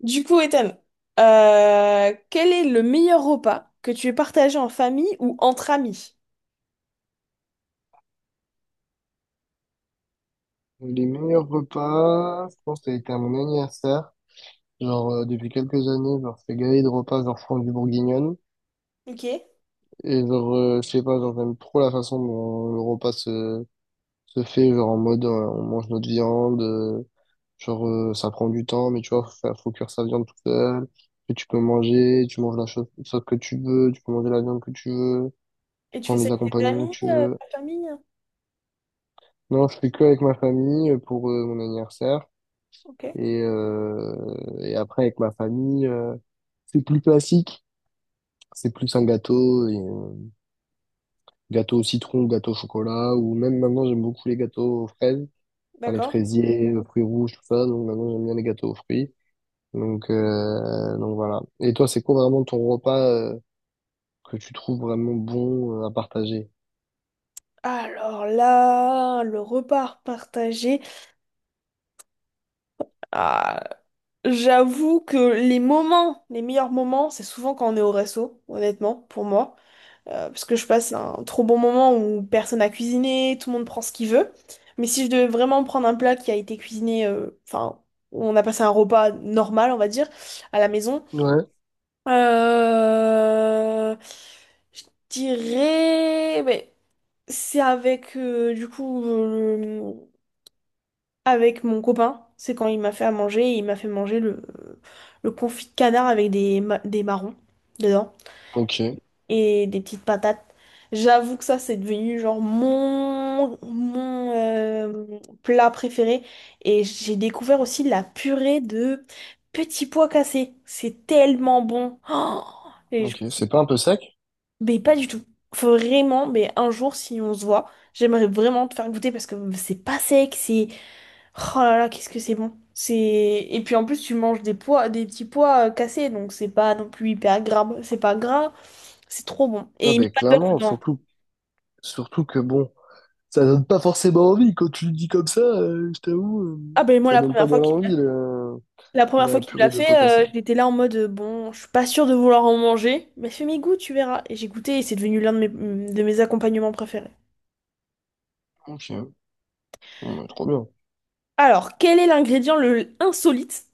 Du coup, Ethan, quel est le meilleur repas que tu aies partagé en famille ou entre amis? Les meilleurs repas, je pense que ça a été à mon anniversaire. Depuis quelques années, je fais galer de repas, genre, France du Bourguignonne. Ok. Et Et je sais pas, genre, j'aime trop la façon dont se fait, genre, en mode, on mange notre viande, ça prend du temps, mais tu vois, faut cuire sa viande tout seul. Et tu manges la chose, sauce que tu veux, tu peux manger la viande que tu veux, tu tu prends fais ça les avec tes accompagnements amis, que tu veux. ta famille? Non, je fais que avec ma famille pour, mon anniversaire. Ok, Et après, avec ma famille, c'est plus classique. C'est plus un gâteau, gâteau au citron, gâteau au chocolat, ou même maintenant, j'aime beaucoup les gâteaux aux fraises, enfin, les d'accord. fraisiers, fruits rouges, tout ça. Donc maintenant, j'aime bien les gâteaux aux fruits. Donc voilà. Et toi, c'est quoi vraiment ton repas, que tu trouves vraiment bon, à partager? Alors là, le repas partagé. Ah, j'avoue que les moments, les meilleurs moments, c'est souvent quand on est au resto, honnêtement, pour moi. Parce que je passe un trop bon moment où personne n'a cuisiné, tout le monde prend ce qu'il veut. Mais si je devais vraiment prendre un plat qui a été cuisiné, enfin, où on a passé un repas normal, on va dire, à la maison, Ouais. euh, je dirais, mais c'est avec, du coup, avec mon copain. C'est quand il m'a fait à manger, il m'a fait manger le confit de canard avec des marrons dedans. Ok, Et des petites patates. J'avoue que ça, c'est devenu genre mon plat préféré. Et j'ai découvert aussi la purée de petits pois cassés. C'est tellement bon. Ok. C'est pas un peu sec? Mais pas du tout. Faut vraiment, mais un jour, si on se voit, j'aimerais vraiment te faire goûter parce que c'est pas sec, c'est. Oh là là, qu'est-ce que c'est bon. C'est. Et puis en plus, tu manges des pois, des petits pois cassés, donc c'est pas non plus hyper gras. C'est pas gras. C'est trop bon. Ouais, Et il met ben pas de beurre clairement, dedans. surtout que bon. Ça donne pas forcément envie. Quand tu le dis comme ça, je t'avoue, Ah ben moi ça donne pas galant envie, la première fois la qu'il me purée l'a de pois fait, cassés. J'étais là en mode bon, je suis pas sûre de vouloir en manger, mais fais mes goûts, tu verras. Et j'ai goûté et c'est devenu l'un de mes accompagnements préférés. Ok, ouais, trop bien. Alors, quel est l'ingrédient le insolite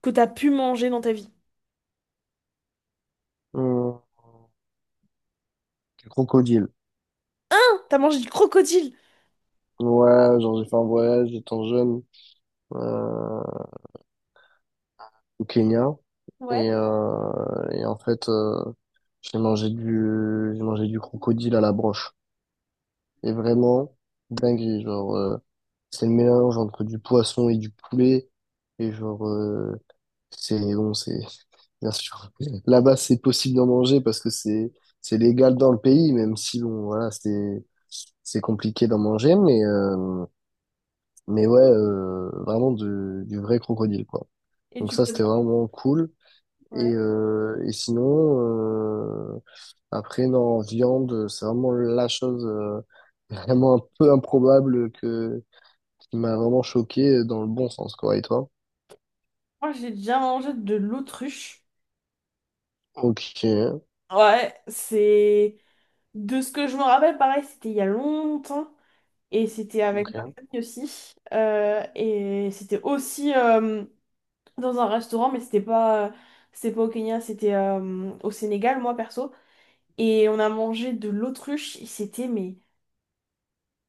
que t'as pu manger dans ta vie? Euh, Crocodile. T'as mangé du crocodile. Ouais, genre j'ai fait un voyage étant jeune euh, au Kenya. Ouais, Et en fait, j'ai mangé du crocodile à la broche. Et vraiment, dingue, c'est le mélange entre du poisson et du poulet. Et c'est bon, c'est bien sûr. Là-bas, c'est possible d'en manger parce que c'est légal dans le pays, même si bon, voilà, c'est compliqué d'en manger, mais ouais, du vrai crocodile, quoi. et Donc tu ça, c'était prépares. vraiment cool. Et Ouais. euh, et sinon, après, non, en viande, c'est vraiment la chose vraiment un peu improbable que qui m'a vraiment choqué dans le bon sens, quoi. Et toi? Moi, j'ai déjà mangé de l'autruche. Ok, Ouais, c'est. De ce que je me rappelle, pareil, c'était il y a longtemps. Et c'était avec ma ok, famille aussi. Et c'était aussi dans un restaurant, mais c'était pas au Kenya, c'était au Sénégal, moi perso. Et on a mangé de l'autruche et c'était mais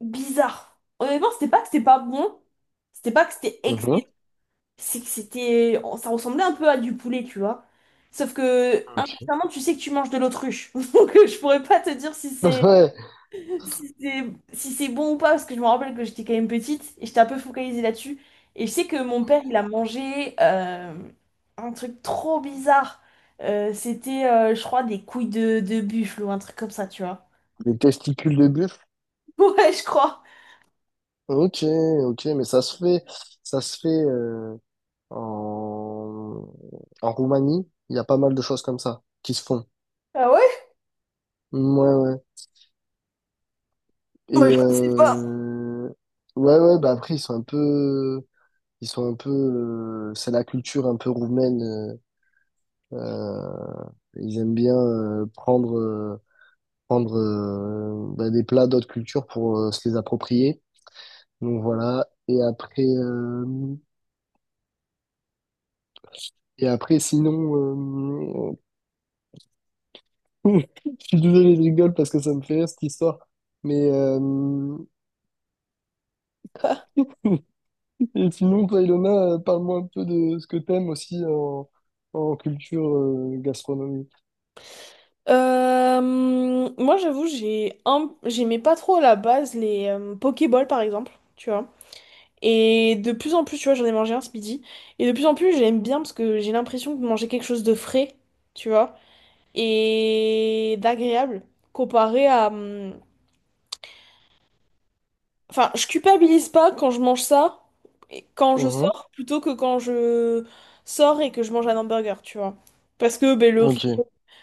bizarre. Honnêtement, c'était pas que c'était pas bon, c'était pas que c'était excellent, mhm, c'est que c'était, ça ressemblait un peu à du poulet, tu vois. Sauf que ok. inconsciemment, tu sais que tu manges de l'autruche, donc je pourrais pas te dire Ouais, si c'est si c'est bon ou pas, parce que je me rappelle que j'étais quand même petite et j'étais un peu focalisée là-dessus. Et je sais que mon père, il a mangé un truc trop bizarre. C'était, je crois, des couilles de buffle ou un truc comme ça, tu vois. les testicules de bœuf. Ouais, je crois. Ok, ok, mais ça se fait en, en Roumanie. Il y a pas mal de choses comme ça qui se font. Ah ouais? Ouais, ouais. Moi, Et je sais euh, ouais, ouais. Bah après, ils sont un peu. C'est la culture un peu roumaine. Euh, Ils aiment bien prendre bah, des plats d'autres cultures pour se les approprier. Donc voilà. Et après, sinon. Oui, je suis désolé, je rigole parce que ça me fait rire cette histoire. Mais pas. et sinon, toi, Ilona, parle-moi un peu de ce que t'aimes aussi en culture gastronomique. Euh, Moi, j'avoue, j'ai un. J'aimais pas trop à la base les Pokéballs, par exemple. Tu vois. Et de plus en plus, tu vois, j'en ai mangé un ce midi. Et de plus en plus, j'aime bien parce que j'ai l'impression de manger quelque chose de frais, tu vois, et d'agréable comparé à, enfin, je culpabilise pas quand je mange ça, et quand je Mhm. sors, plutôt que quand je sors et que je mange un hamburger, tu vois. Parce que ben, le Ok. riz,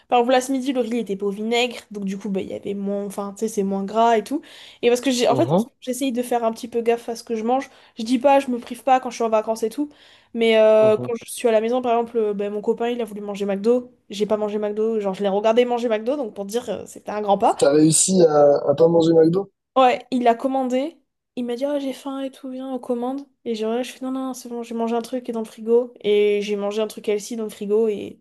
par exemple, là ce midi, le riz était pas au vinaigre, donc du coup, ben, il y avait moins, enfin, tu sais, c'est moins gras et tout. Et parce que j'ai, en fait, en Mhm. ce moment, j'essaye de faire un petit peu gaffe à ce que je mange. Je dis pas, je me prive pas quand je suis en vacances et tout, mais quand Mhm. je suis à la maison, par exemple, ben, mon copain, il a voulu manger McDo, j'ai pas mangé McDo, genre, je l'ai regardé manger McDo, donc pour dire, c'était un grand pas. T'as réussi à pas manger McDo? Ouais, il a commandé. Il m'a dit, Ah, j'ai faim et tout, viens, on commande. Et genre, là, je fais, non, non, c'est bon, j'ai mangé un truc qui est dans le frigo. Et j'ai mangé un truc LC dans le frigo. Et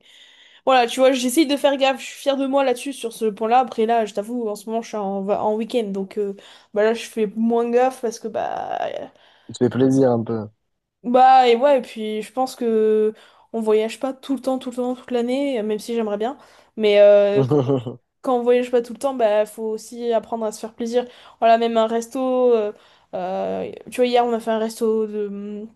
voilà, tu vois, j'essaye de faire gaffe. Je suis fière de moi là-dessus, sur ce point-là. Après, là, je t'avoue, en ce moment, je suis en week-end. Donc, bah là, je fais moins gaffe parce que, bah. Tu te fais plaisir un peu. Bah, et ouais, et puis, je pense que on voyage pas tout le temps, tout le temps, toute l'année, même si j'aimerais bien. Mais quand on voyage pas tout le temps, bah faut aussi apprendre à se faire plaisir. Voilà, même un resto. Tu vois, hier on a fait un resto de,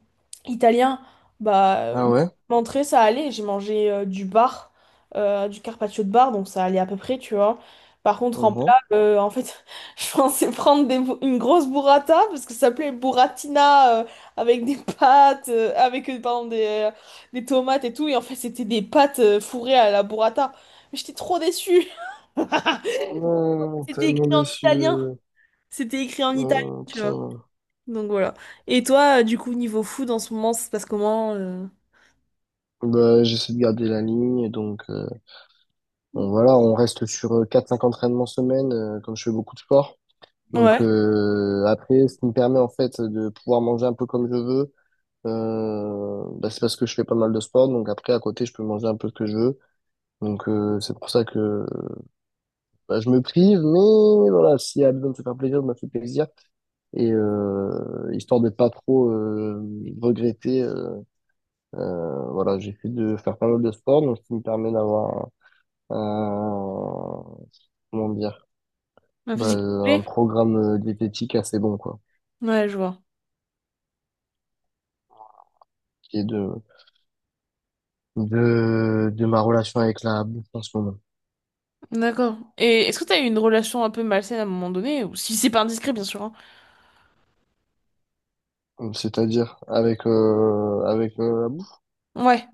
italien. Bah, Ah ouais? l'entrée ça allait. J'ai mangé du bar, du carpaccio de bar, donc ça allait à peu près, tu vois. Par contre, en Mhm. plat, en fait, je pensais prendre une grosse burrata parce que ça s'appelait burratina, avec des pâtes, avec pardon, euh, des tomates et tout. Et en fait, c'était des pâtes fourrées à la burrata. Mais j'étais trop déçue. Oh, C'était écrit tellement en déçu. italien. C'était écrit en italien, Oh, tu vois. tiens. Donc voilà. Et toi, du coup, niveau food, en ce moment, ça se passe comment? Bah, j'essaie de garder la ligne, donc bon, voilà, on reste sur 4-5 entraînements semaine, comme je fais beaucoup de sport. Donc Ouais. Après, ce qui me permet en fait de pouvoir manger un peu comme je veux, bah, c'est parce que je fais pas mal de sport. Donc après, à côté, je peux manger un peu ce que je veux. Donc c'est pour ça que bah, je me prive, mais voilà, s'il y a besoin de se faire plaisir, je me fais plaisir. Et histoire de pas trop regretter, euh, voilà, j'essaie de faire pas mal de sport, donc ce qui me permet d'avoir un, un- comment dire, La bah, physique un plaît? programme diététique assez bon, quoi, Ouais, je vois. qui est de ma relation avec la bouffe en ce moment. D'accord. Et est-ce que t'as eu une relation un peu malsaine à un moment donné? Ou si c'est pas indiscret, bien sûr, hein. C'est-à-dire avec avec la bouffe. Ouais.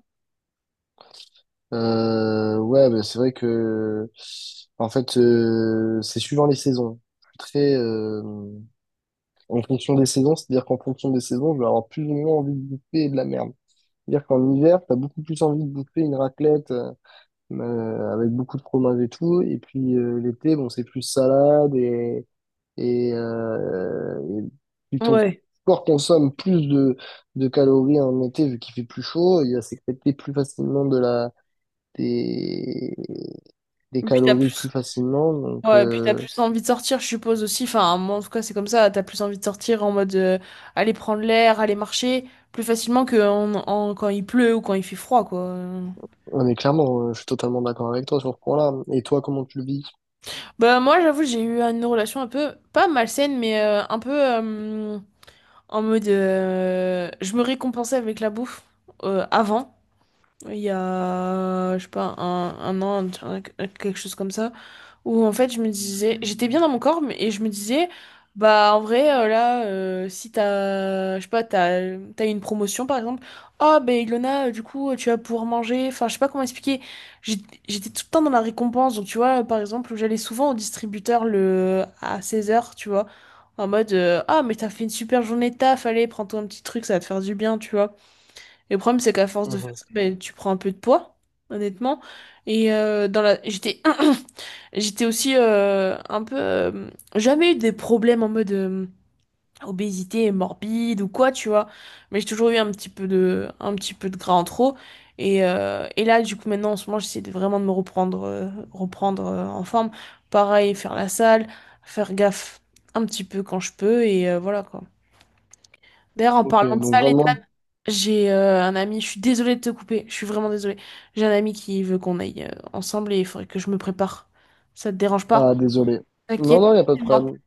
Ouais, bah, c'est vrai que en fait c'est suivant les saisons. Je suis très en fonction des saisons, c'est-à-dire qu'en fonction des saisons, je vais avoir plus ou moins envie de bouffer de la merde. C'est-à-dire qu'en hiver, t'as beaucoup plus envie de bouffer une raclette avec beaucoup de fromage et tout, et puis l'été, bon, c'est plus salade et plus ton Ouais. corps consomme plus de calories en été vu qu'il fait plus chaud, il va sécréter plus facilement des, des Et puis t'as calories plus plus. facilement. Donc Ouais, et puis t'as plus envie de sortir, je suppose aussi. Enfin, moi, en tout cas, c'est comme ça. T'as plus envie de sortir en mode aller prendre l'air, aller marcher plus facilement que quand il pleut ou quand il fait froid, quoi. on est clairement, je suis totalement d'accord avec toi sur ce point-là. Et toi, comment tu le vis? Bah moi j'avoue j'ai eu une relation un peu pas malsaine mais un peu en mode je me récompensais avec la bouffe avant il y a je sais pas un an quelque chose comme ça où en fait je me disais, j'étais bien dans mon corps, et je me disais, bah en vrai là, si t'as, je sais pas, t'as une promotion par exemple, oh ben Ilona, du coup tu vas pouvoir manger, enfin je sais pas comment expliquer, J'ai- j'étais tout le temps dans la récompense, donc tu vois, par exemple j'allais souvent au distributeur le à 16 heures tu vois, en mode, ah mais t'as fait une super journée de taf, allez prends-toi un petit truc, ça va te faire du bien, tu vois. Le problème, c'est qu'à force de faire Mhm. ça, ben, tu prends un peu de poids, honnêtement. Et j'étais aussi un peu, jamais eu des problèmes en mode obésité morbide ou quoi, tu vois. Mais j'ai toujours eu un petit peu de gras en trop. Et là, du coup, maintenant, en ce moment, j'essaie de vraiment de me reprendre en forme. Pareil, faire la salle, faire gaffe un petit peu quand je peux, et voilà quoi. D'ailleurs, en Ok, parlant de donc salle et vraiment, j'ai un ami, je suis désolée de te couper, je suis vraiment désolée. J'ai un ami qui veut qu'on aille ensemble et il faudrait que je me prépare. Ça te dérange pas? ah désolé. Non, T'inquiète, non, il n'y a pas de moi. problème.